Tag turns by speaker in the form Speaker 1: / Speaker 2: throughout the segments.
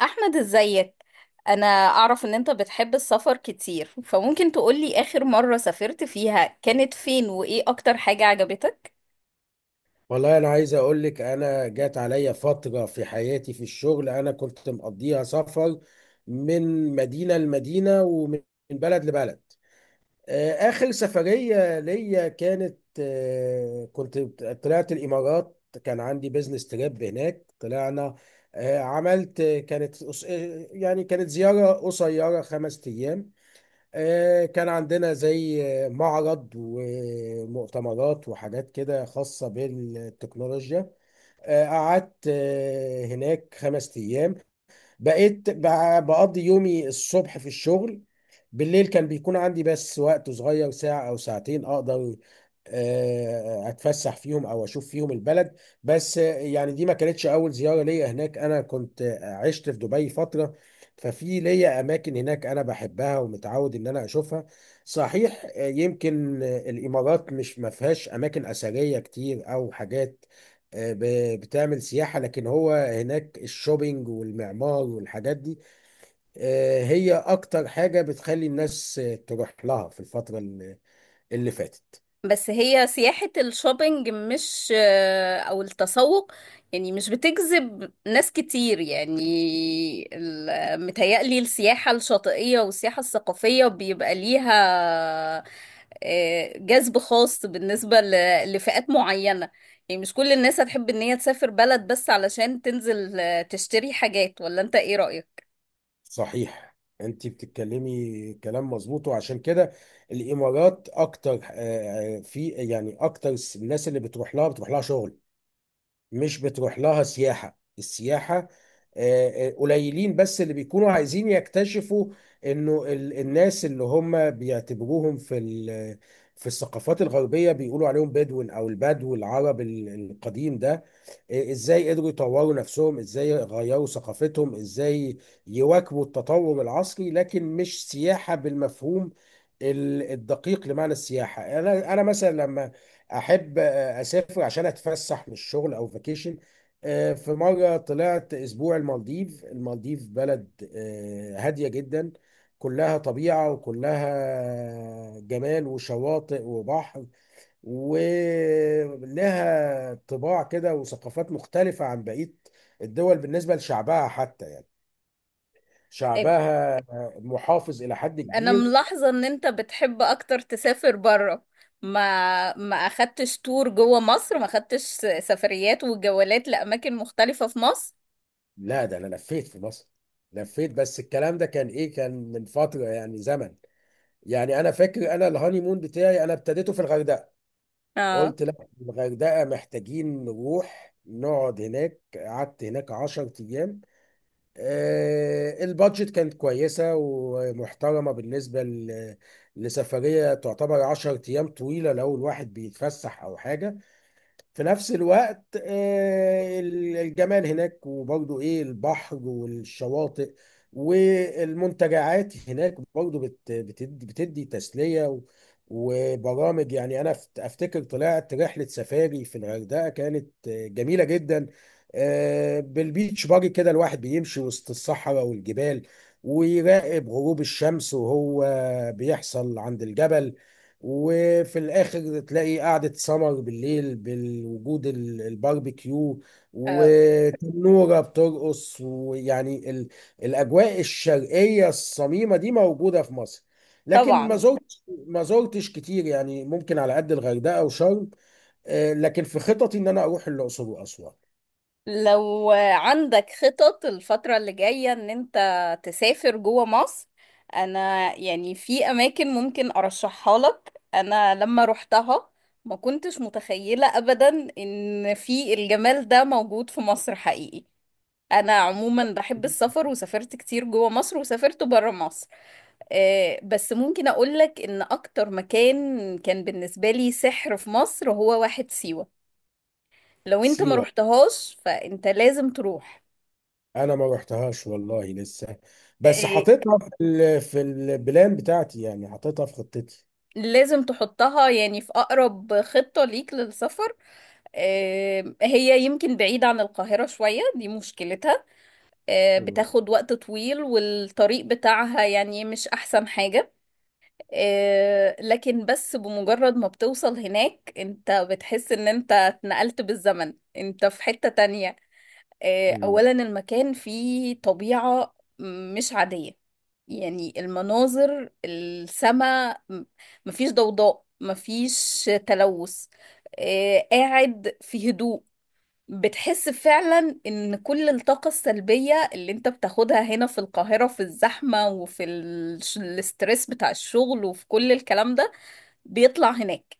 Speaker 1: احمد، ازيك؟ انا اعرف ان انت بتحب السفر كتير، فممكن تقولي اخر مرة سافرت فيها كانت فين، وايه اكتر حاجة عجبتك؟
Speaker 2: والله انا عايز اقول لك، انا جات عليا فتره في حياتي في الشغل انا كنت مقضيها سفر من مدينه لمدينه ومن بلد لبلد. اخر سفريه ليا كانت كنت طلعت الامارات، كان عندي بزنس تريب هناك. طلعنا، عملت كانت يعني كانت زياره قصيره خمس ايام. كان عندنا زي معرض ومؤتمرات وحاجات كده خاصة بالتكنولوجيا. قعدت هناك خمس أيام. بقيت بقضي يومي الصبح في الشغل. بالليل كان بيكون عندي بس وقت صغير، ساعة أو ساعتين أقدر أتفسح فيهم أو أشوف فيهم البلد. بس يعني دي ما كانتش أول زيارة ليا هناك، أنا كنت عشت في دبي فترة. ففي ليا أماكن هناك أنا بحبها ومتعود إن أنا أشوفها. صحيح، يمكن الإمارات مش ما فيهاش أماكن أثرية كتير أو حاجات بتعمل سياحة، لكن هو هناك الشوبينج والمعمار والحاجات دي هي أكتر حاجة بتخلي الناس تروح لها في الفترة اللي فاتت.
Speaker 1: بس هي سياحة الشوبينج، مش أو التسوق، يعني مش بتجذب ناس كتير. يعني متهيألي السياحة الشاطئية والسياحة الثقافية بيبقى ليها جذب خاص بالنسبة لفئات معينة. يعني مش كل الناس هتحب إن هي تسافر بلد بس علشان تنزل تشتري حاجات، ولا أنت إيه رأيك؟
Speaker 2: صحيح، أنت بتتكلمي كلام مظبوط، وعشان كده الإمارات أكتر، في يعني أكتر الناس اللي بتروح لها شغل، مش بتروح لها سياحة. السياحة، قليلين بس اللي بيكونوا عايزين يكتشفوا انه الناس اللي هم بيعتبروهم في في الثقافات الغربية بيقولوا عليهم بدون او البدو العرب القديم ده، ازاي قدروا يطوروا نفسهم، ازاي غيروا ثقافتهم، ازاي يواكبوا التطور العصري، لكن مش سياحة بالمفهوم الدقيق لمعنى السياحة. انا مثلا لما احب اسافر عشان اتفسح من الشغل او فاكيشن. في مره طلعت اسبوع المالديف. المالديف بلد هاديه جدا، كلها طبيعه وكلها جمال وشواطئ وبحر، ولها طباع كده وثقافات مختلفه عن بقيه الدول. بالنسبه لشعبها حتى يعني شعبها محافظ الى حد
Speaker 1: انا
Speaker 2: كبير.
Speaker 1: ملاحظة ان انت بتحب اكتر تسافر برا، ما اخدتش تور جوه مصر، ما اخدتش سفريات وجولات لاماكن مختلفة في مصر.
Speaker 2: لا، ده انا لفيت في مصر، لفيت، بس الكلام ده كان ايه، كان من فتره، يعني زمن. يعني انا فاكر انا الهانيمون بتاعي انا ابتديته في الغردقه.
Speaker 1: اه،
Speaker 2: قلت لا، الغردقه محتاجين نروح نقعد هناك. قعدت هناك 10 ايام. البادجت كانت كويسه ومحترمه بالنسبه لسفريه، تعتبر 10 ايام طويله لو الواحد بيتفسح او حاجه. في نفس الوقت الجمال هناك، وبرضو ايه البحر والشواطئ والمنتجعات هناك برضو بتدي تسلية وبرامج. يعني انا افتكر طلعت رحلة سفاري في الغردقة، كانت جميلة جدا. بالبيتش باجي كده الواحد بيمشي وسط الصحراء والجبال، ويراقب غروب الشمس وهو بيحصل عند الجبل. وفي الاخر تلاقي قعده سمر بالليل بالوجود الباربيكيو
Speaker 1: اه،
Speaker 2: وتنوره بترقص، ويعني الاجواء الشرقيه الصميمه دي موجوده في مصر. لكن ما
Speaker 1: طبعا.
Speaker 2: زرتش ما زرتش كتير، يعني ممكن على قد الغردقه وشرم. لكن في خططي ان انا اروح الاقصر واسوان.
Speaker 1: لو عندك خطط الفترة اللي جاية ان انت تسافر جوه مصر، انا يعني في اماكن ممكن ارشحها لك. انا لما روحتها ما كنتش متخيلة ابدا ان في الجمال ده موجود في مصر حقيقي. انا عموما بحب السفر وسافرت كتير جوه مصر وسافرت بره مصر. بس ممكن اقول لك ان اكتر مكان كان بالنسبه لي سحر في مصر هو واحد سيوه. لو انت ما
Speaker 2: سيوه،
Speaker 1: رحتهاش فانت لازم تروح.
Speaker 2: انا ما رحتهاش والله لسه، بس
Speaker 1: آه،
Speaker 2: حاططها في في البلان بتاعتي، يعني حاططها في خطتي.
Speaker 1: لازم تحطها يعني في اقرب خطه ليك للسفر. هي يمكن بعيده عن القاهره شويه، دي مشكلتها.
Speaker 2: مم.
Speaker 1: بتاخد وقت طويل، والطريق بتاعها يعني مش احسن حاجه. لكن بس بمجرد ما بتوصل هناك، انت بتحس ان انت اتنقلت بالزمن، انت في حتة تانية.
Speaker 2: مم.
Speaker 1: اولا المكان فيه طبيعة مش عادية، يعني المناظر، السماء، مفيش ضوضاء، مفيش تلوث. قاعد في هدوء. بتحس فعلا ان كل الطاقة السلبية اللي انت بتاخدها هنا في القاهرة، في الزحمة وفي الاسترس بتاع الشغل وفي كل الكلام ده، بيطلع هناك.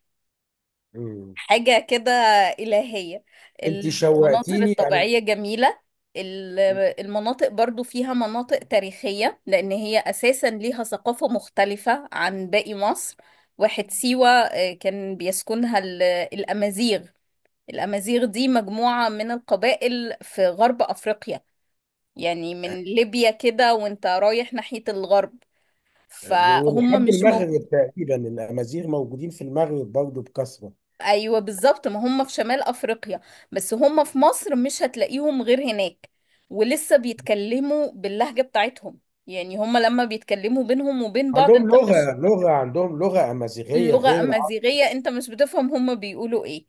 Speaker 2: مم.
Speaker 1: حاجة كده إلهية.
Speaker 2: انت
Speaker 1: المناظر
Speaker 2: شوقتيني يعني.
Speaker 1: الطبيعية جميلة. ال- المناطق برضو فيها مناطق تاريخية، لأن هي أساسا ليها ثقافة مختلفة عن باقي مصر. واحد سيوة كان بيسكنها الأمازيغ. الأمازيغ دي مجموعة من القبائل في غرب أفريقيا، يعني من ليبيا كده وانت رايح ناحية الغرب، فهم
Speaker 2: ولحد
Speaker 1: مش موجود.
Speaker 2: المغرب تقريبا الامازيغ موجودين في المغرب برضه بكثره.
Speaker 1: أيوة بالظبط، ما هم في شمال أفريقيا. بس هم في مصر مش هتلاقيهم غير هناك، ولسه بيتكلموا باللهجة بتاعتهم. يعني هم لما بيتكلموا بينهم وبين بعض انت مش…
Speaker 2: عندهم لغه امازيغيه
Speaker 1: اللغة
Speaker 2: غير العرب.
Speaker 1: أمازيغية، انت مش بتفهم هم بيقولوا ايه.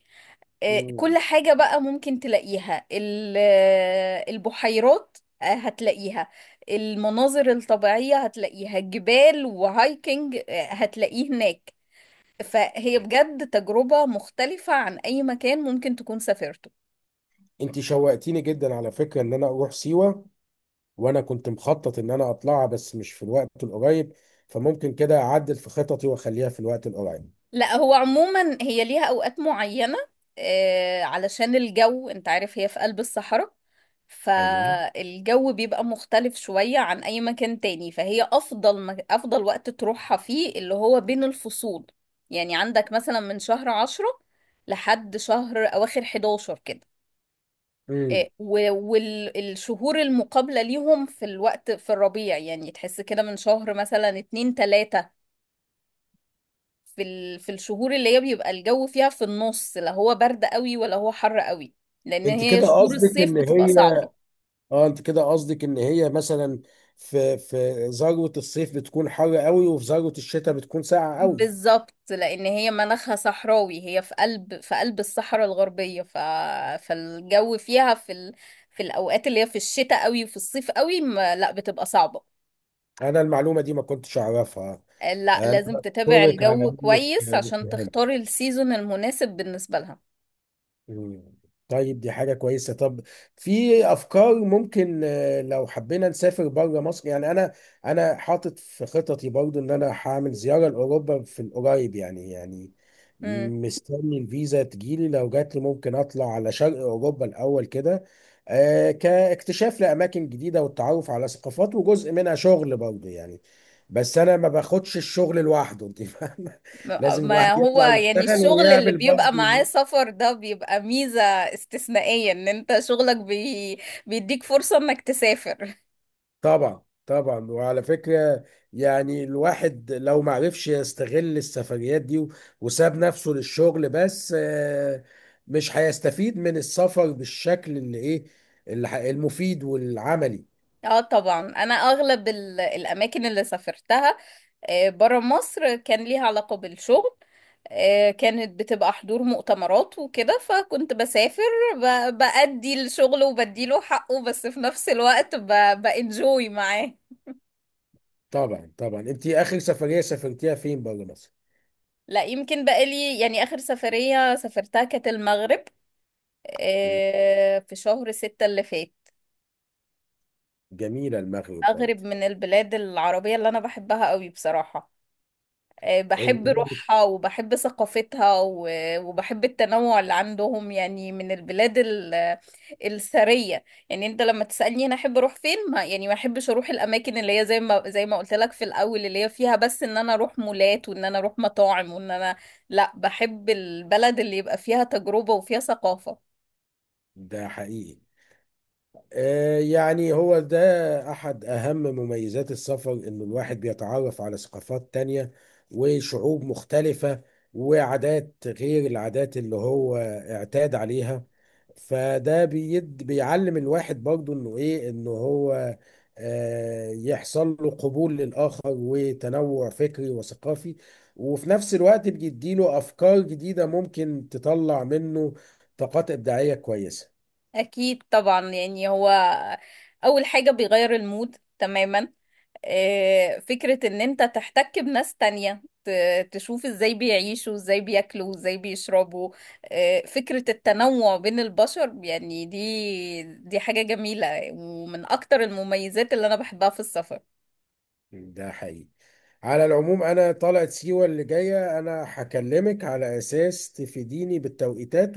Speaker 2: مم.
Speaker 1: كل حاجة بقى ممكن تلاقيها، البحيرات هتلاقيها. المناظر الطبيعية هتلاقيها، جبال وهايكنج هتلاقيه هناك. فهي بجد تجربة مختلفة عن أي مكان ممكن تكون سافرته.
Speaker 2: انت شوقتيني جدا على فكره ان انا اروح سيوه، وانا كنت مخطط ان انا اطلعها بس مش في الوقت القريب، فممكن كده اعدل في خططي واخليها في الوقت القريب.
Speaker 1: لا، هو عموما هي ليها اوقات معينة. علشان الجو، انت عارف هي في قلب الصحراء،
Speaker 2: ايوه.
Speaker 1: فالجو بيبقى مختلف شوية عن اي مكان تاني. فهي افضل افضل وقت تروحها فيه اللي هو بين الفصول. يعني عندك مثلا من شهر 10 لحد شهر اواخر 11 كده،
Speaker 2: امم.
Speaker 1: والشهور المقابلة ليهم في الوقت في الربيع. يعني تحس كده من شهر مثلا 2 3، في في الشهور اللي هي بيبقى الجو فيها في النص، لا هو برد قوي ولا هو حر قوي. لان
Speaker 2: انت
Speaker 1: هي
Speaker 2: كده
Speaker 1: شهور
Speaker 2: قصدك
Speaker 1: الصيف
Speaker 2: ان
Speaker 1: بتبقى
Speaker 2: هي
Speaker 1: صعبة.
Speaker 2: اه انت كده قصدك ان هي مثلا في ذروة الصيف بتكون حر قوي، وفي ذروة الشتاء بتكون ساقعة قوي.
Speaker 1: بالظبط، لان هي مناخها صحراوي، هي في قلب، في قلب الصحراء الغربية. فالجو فيها في في الاوقات اللي هي في الشتاء قوي وفي الصيف قوي ما... لا بتبقى صعبة.
Speaker 2: انا المعلومة دي ما كنتش اعرفها.
Speaker 1: لا
Speaker 2: انا
Speaker 1: لازم تتابع
Speaker 2: بشكرك على
Speaker 1: الجو
Speaker 2: انك.
Speaker 1: كويس عشان تختار السيزون المناسب بالنسبة لها.
Speaker 2: مم. طيب دي حاجة كويسة. طب في أفكار ممكن لو حبينا نسافر بره مصر؟ يعني أنا حاطط في خططي برضو إن أنا هعمل زيارة لأوروبا في القريب، يعني
Speaker 1: مم.
Speaker 2: مستني الفيزا تجيلي. لو جات لي ممكن أطلع على شرق أوروبا الأول كده، كاكتشاف لأماكن جديدة والتعرف على ثقافات، وجزء منها شغل برضو يعني. بس أنا ما باخدش الشغل لوحده، أنت فاهمة. لازم
Speaker 1: ما
Speaker 2: الواحد
Speaker 1: هو
Speaker 2: يطلع
Speaker 1: يعني
Speaker 2: يشتغل
Speaker 1: الشغل اللي
Speaker 2: ويعمل
Speaker 1: بيبقى معاه
Speaker 2: برضو.
Speaker 1: سفر ده بيبقى ميزة استثنائية، ان انت شغلك بيديك فرصة انك تسافر
Speaker 2: طبعا، طبعا، وعلى فكرة، يعني الواحد لو معرفش يستغل السفريات دي وساب نفسه للشغل بس، مش هيستفيد من السفر بالشكل اللي ايه، اللي المفيد والعملي.
Speaker 1: اه طبعا، انا اغلب الاماكن اللي سافرتها برا مصر كان ليها علاقة بالشغل. كانت بتبقى حضور مؤتمرات وكده، فكنت بسافر بأدي الشغل وبديله حقه، بس في نفس الوقت بانجوي معاه.
Speaker 2: طبعا، طبعا، انت اخر سفرية سافرتيها فين بره مصر؟
Speaker 1: لا يمكن بقالي، يعني آخر سفرية سافرتها كانت المغرب.
Speaker 2: مم.
Speaker 1: في شهر 6 اللي فات.
Speaker 2: جميلة المغرب
Speaker 1: مغرب
Speaker 2: برضه.
Speaker 1: من البلاد العربية اللي أنا بحبها قوي بصراحة. بحب
Speaker 2: الرباط.
Speaker 1: روحها وبحب ثقافتها وبحب التنوع اللي عندهم، يعني من البلاد الثرية. يعني انت لما تسألني انا احب اروح فين، ما يعني ما احبش اروح الاماكن اللي هي زي ما قلت لك في الاول، اللي هي فيها بس ان انا اروح مولات وان انا اروح مطاعم وان انا… لا، بحب البلد اللي يبقى فيها تجربة وفيها ثقافة.
Speaker 2: ده حقيقي، يعني هو ده أحد أهم مميزات السفر، إن الواحد بيتعرف على ثقافات تانية وشعوب مختلفة وعادات غير العادات اللي هو اعتاد عليها. فده بيعلم الواحد برضو إنه هو يحصل له قبول للآخر وتنوع فكري وثقافي، وفي نفس الوقت بيديله أفكار جديدة ممكن تطلع منه طاقات إبداعية كويسة.
Speaker 1: أكيد طبعا، يعني هو أول حاجة بيغير المود تماما. فكرة إن أنت تحتك بناس تانية، تشوف إزاي بيعيشوا، إزاي بياكلوا، إزاي بيشربوا. فكرة التنوع بين البشر يعني، دي حاجة جميلة، ومن أكتر المميزات اللي أنا بحبها في السفر.
Speaker 2: ده حقيقي. على العموم انا طلعت سيوة اللي جاية انا هكلمك على اساس تفيديني بالتوقيتات،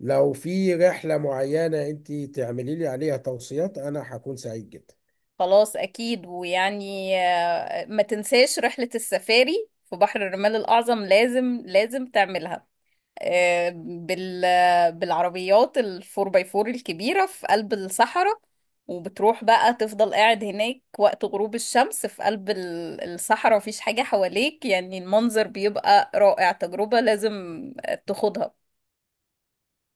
Speaker 2: ولو في رحلة معينة انت تعملي لي عليها توصيات انا هكون سعيد جدا.
Speaker 1: خلاص، أكيد. ويعني ما تنساش رحلة السفاري في بحر الرمال الأعظم، لازم لازم تعملها. آه، بال بالعربيات الفور باي فور الكبيرة في قلب الصحراء. وبتروح بقى تفضل قاعد هناك وقت غروب الشمس في قلب الصحراء، مفيش حاجة حواليك. يعني المنظر بيبقى رائع، تجربة لازم تاخدها.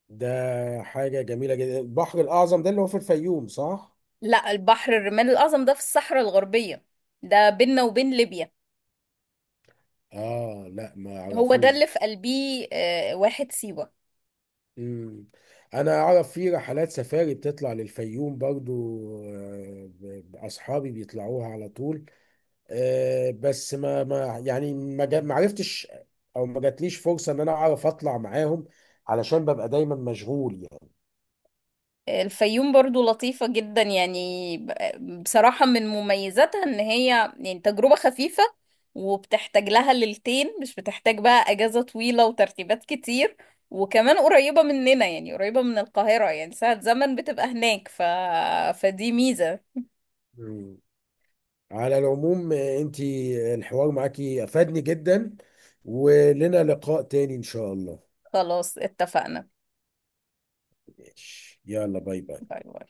Speaker 2: ده حاجة جميلة جدا. البحر الاعظم ده اللي هو في الفيوم صح؟
Speaker 1: لا البحر الرمال الأعظم ده في الصحراء الغربية، ده بيننا وبين ليبيا.
Speaker 2: اه لا، ما
Speaker 1: هو ده
Speaker 2: اعرفوش
Speaker 1: اللي
Speaker 2: ده.
Speaker 1: في قلبيه واحد سيوة.
Speaker 2: مم. انا اعرف في رحلات سفاري بتطلع للفيوم برضو. اصحابي بيطلعوها على طول. بس ما يعني ما عرفتش او ما جاتليش فرصه ان انا اعرف اطلع معاهم، علشان ببقى دايما مشغول يعني.
Speaker 1: الفيوم برضو لطيفة جدا. يعني بصراحة من مميزاتها ان هي يعني تجربة خفيفة. وبتحتاج لها ليلتين، مش بتحتاج بقى اجازة طويلة وترتيبات كتير. وكمان قريبة مننا، يعني قريبة من القاهرة، يعني ساعة زمن بتبقى هناك. فدي ميزة.
Speaker 2: مم. على العموم انتي الحوار معاكي افادني جدا، ولنا لقاء تاني ان شاء الله.
Speaker 1: خلاص، اتفقنا.
Speaker 2: ماشي. يلا باي باي.
Speaker 1: باي باي.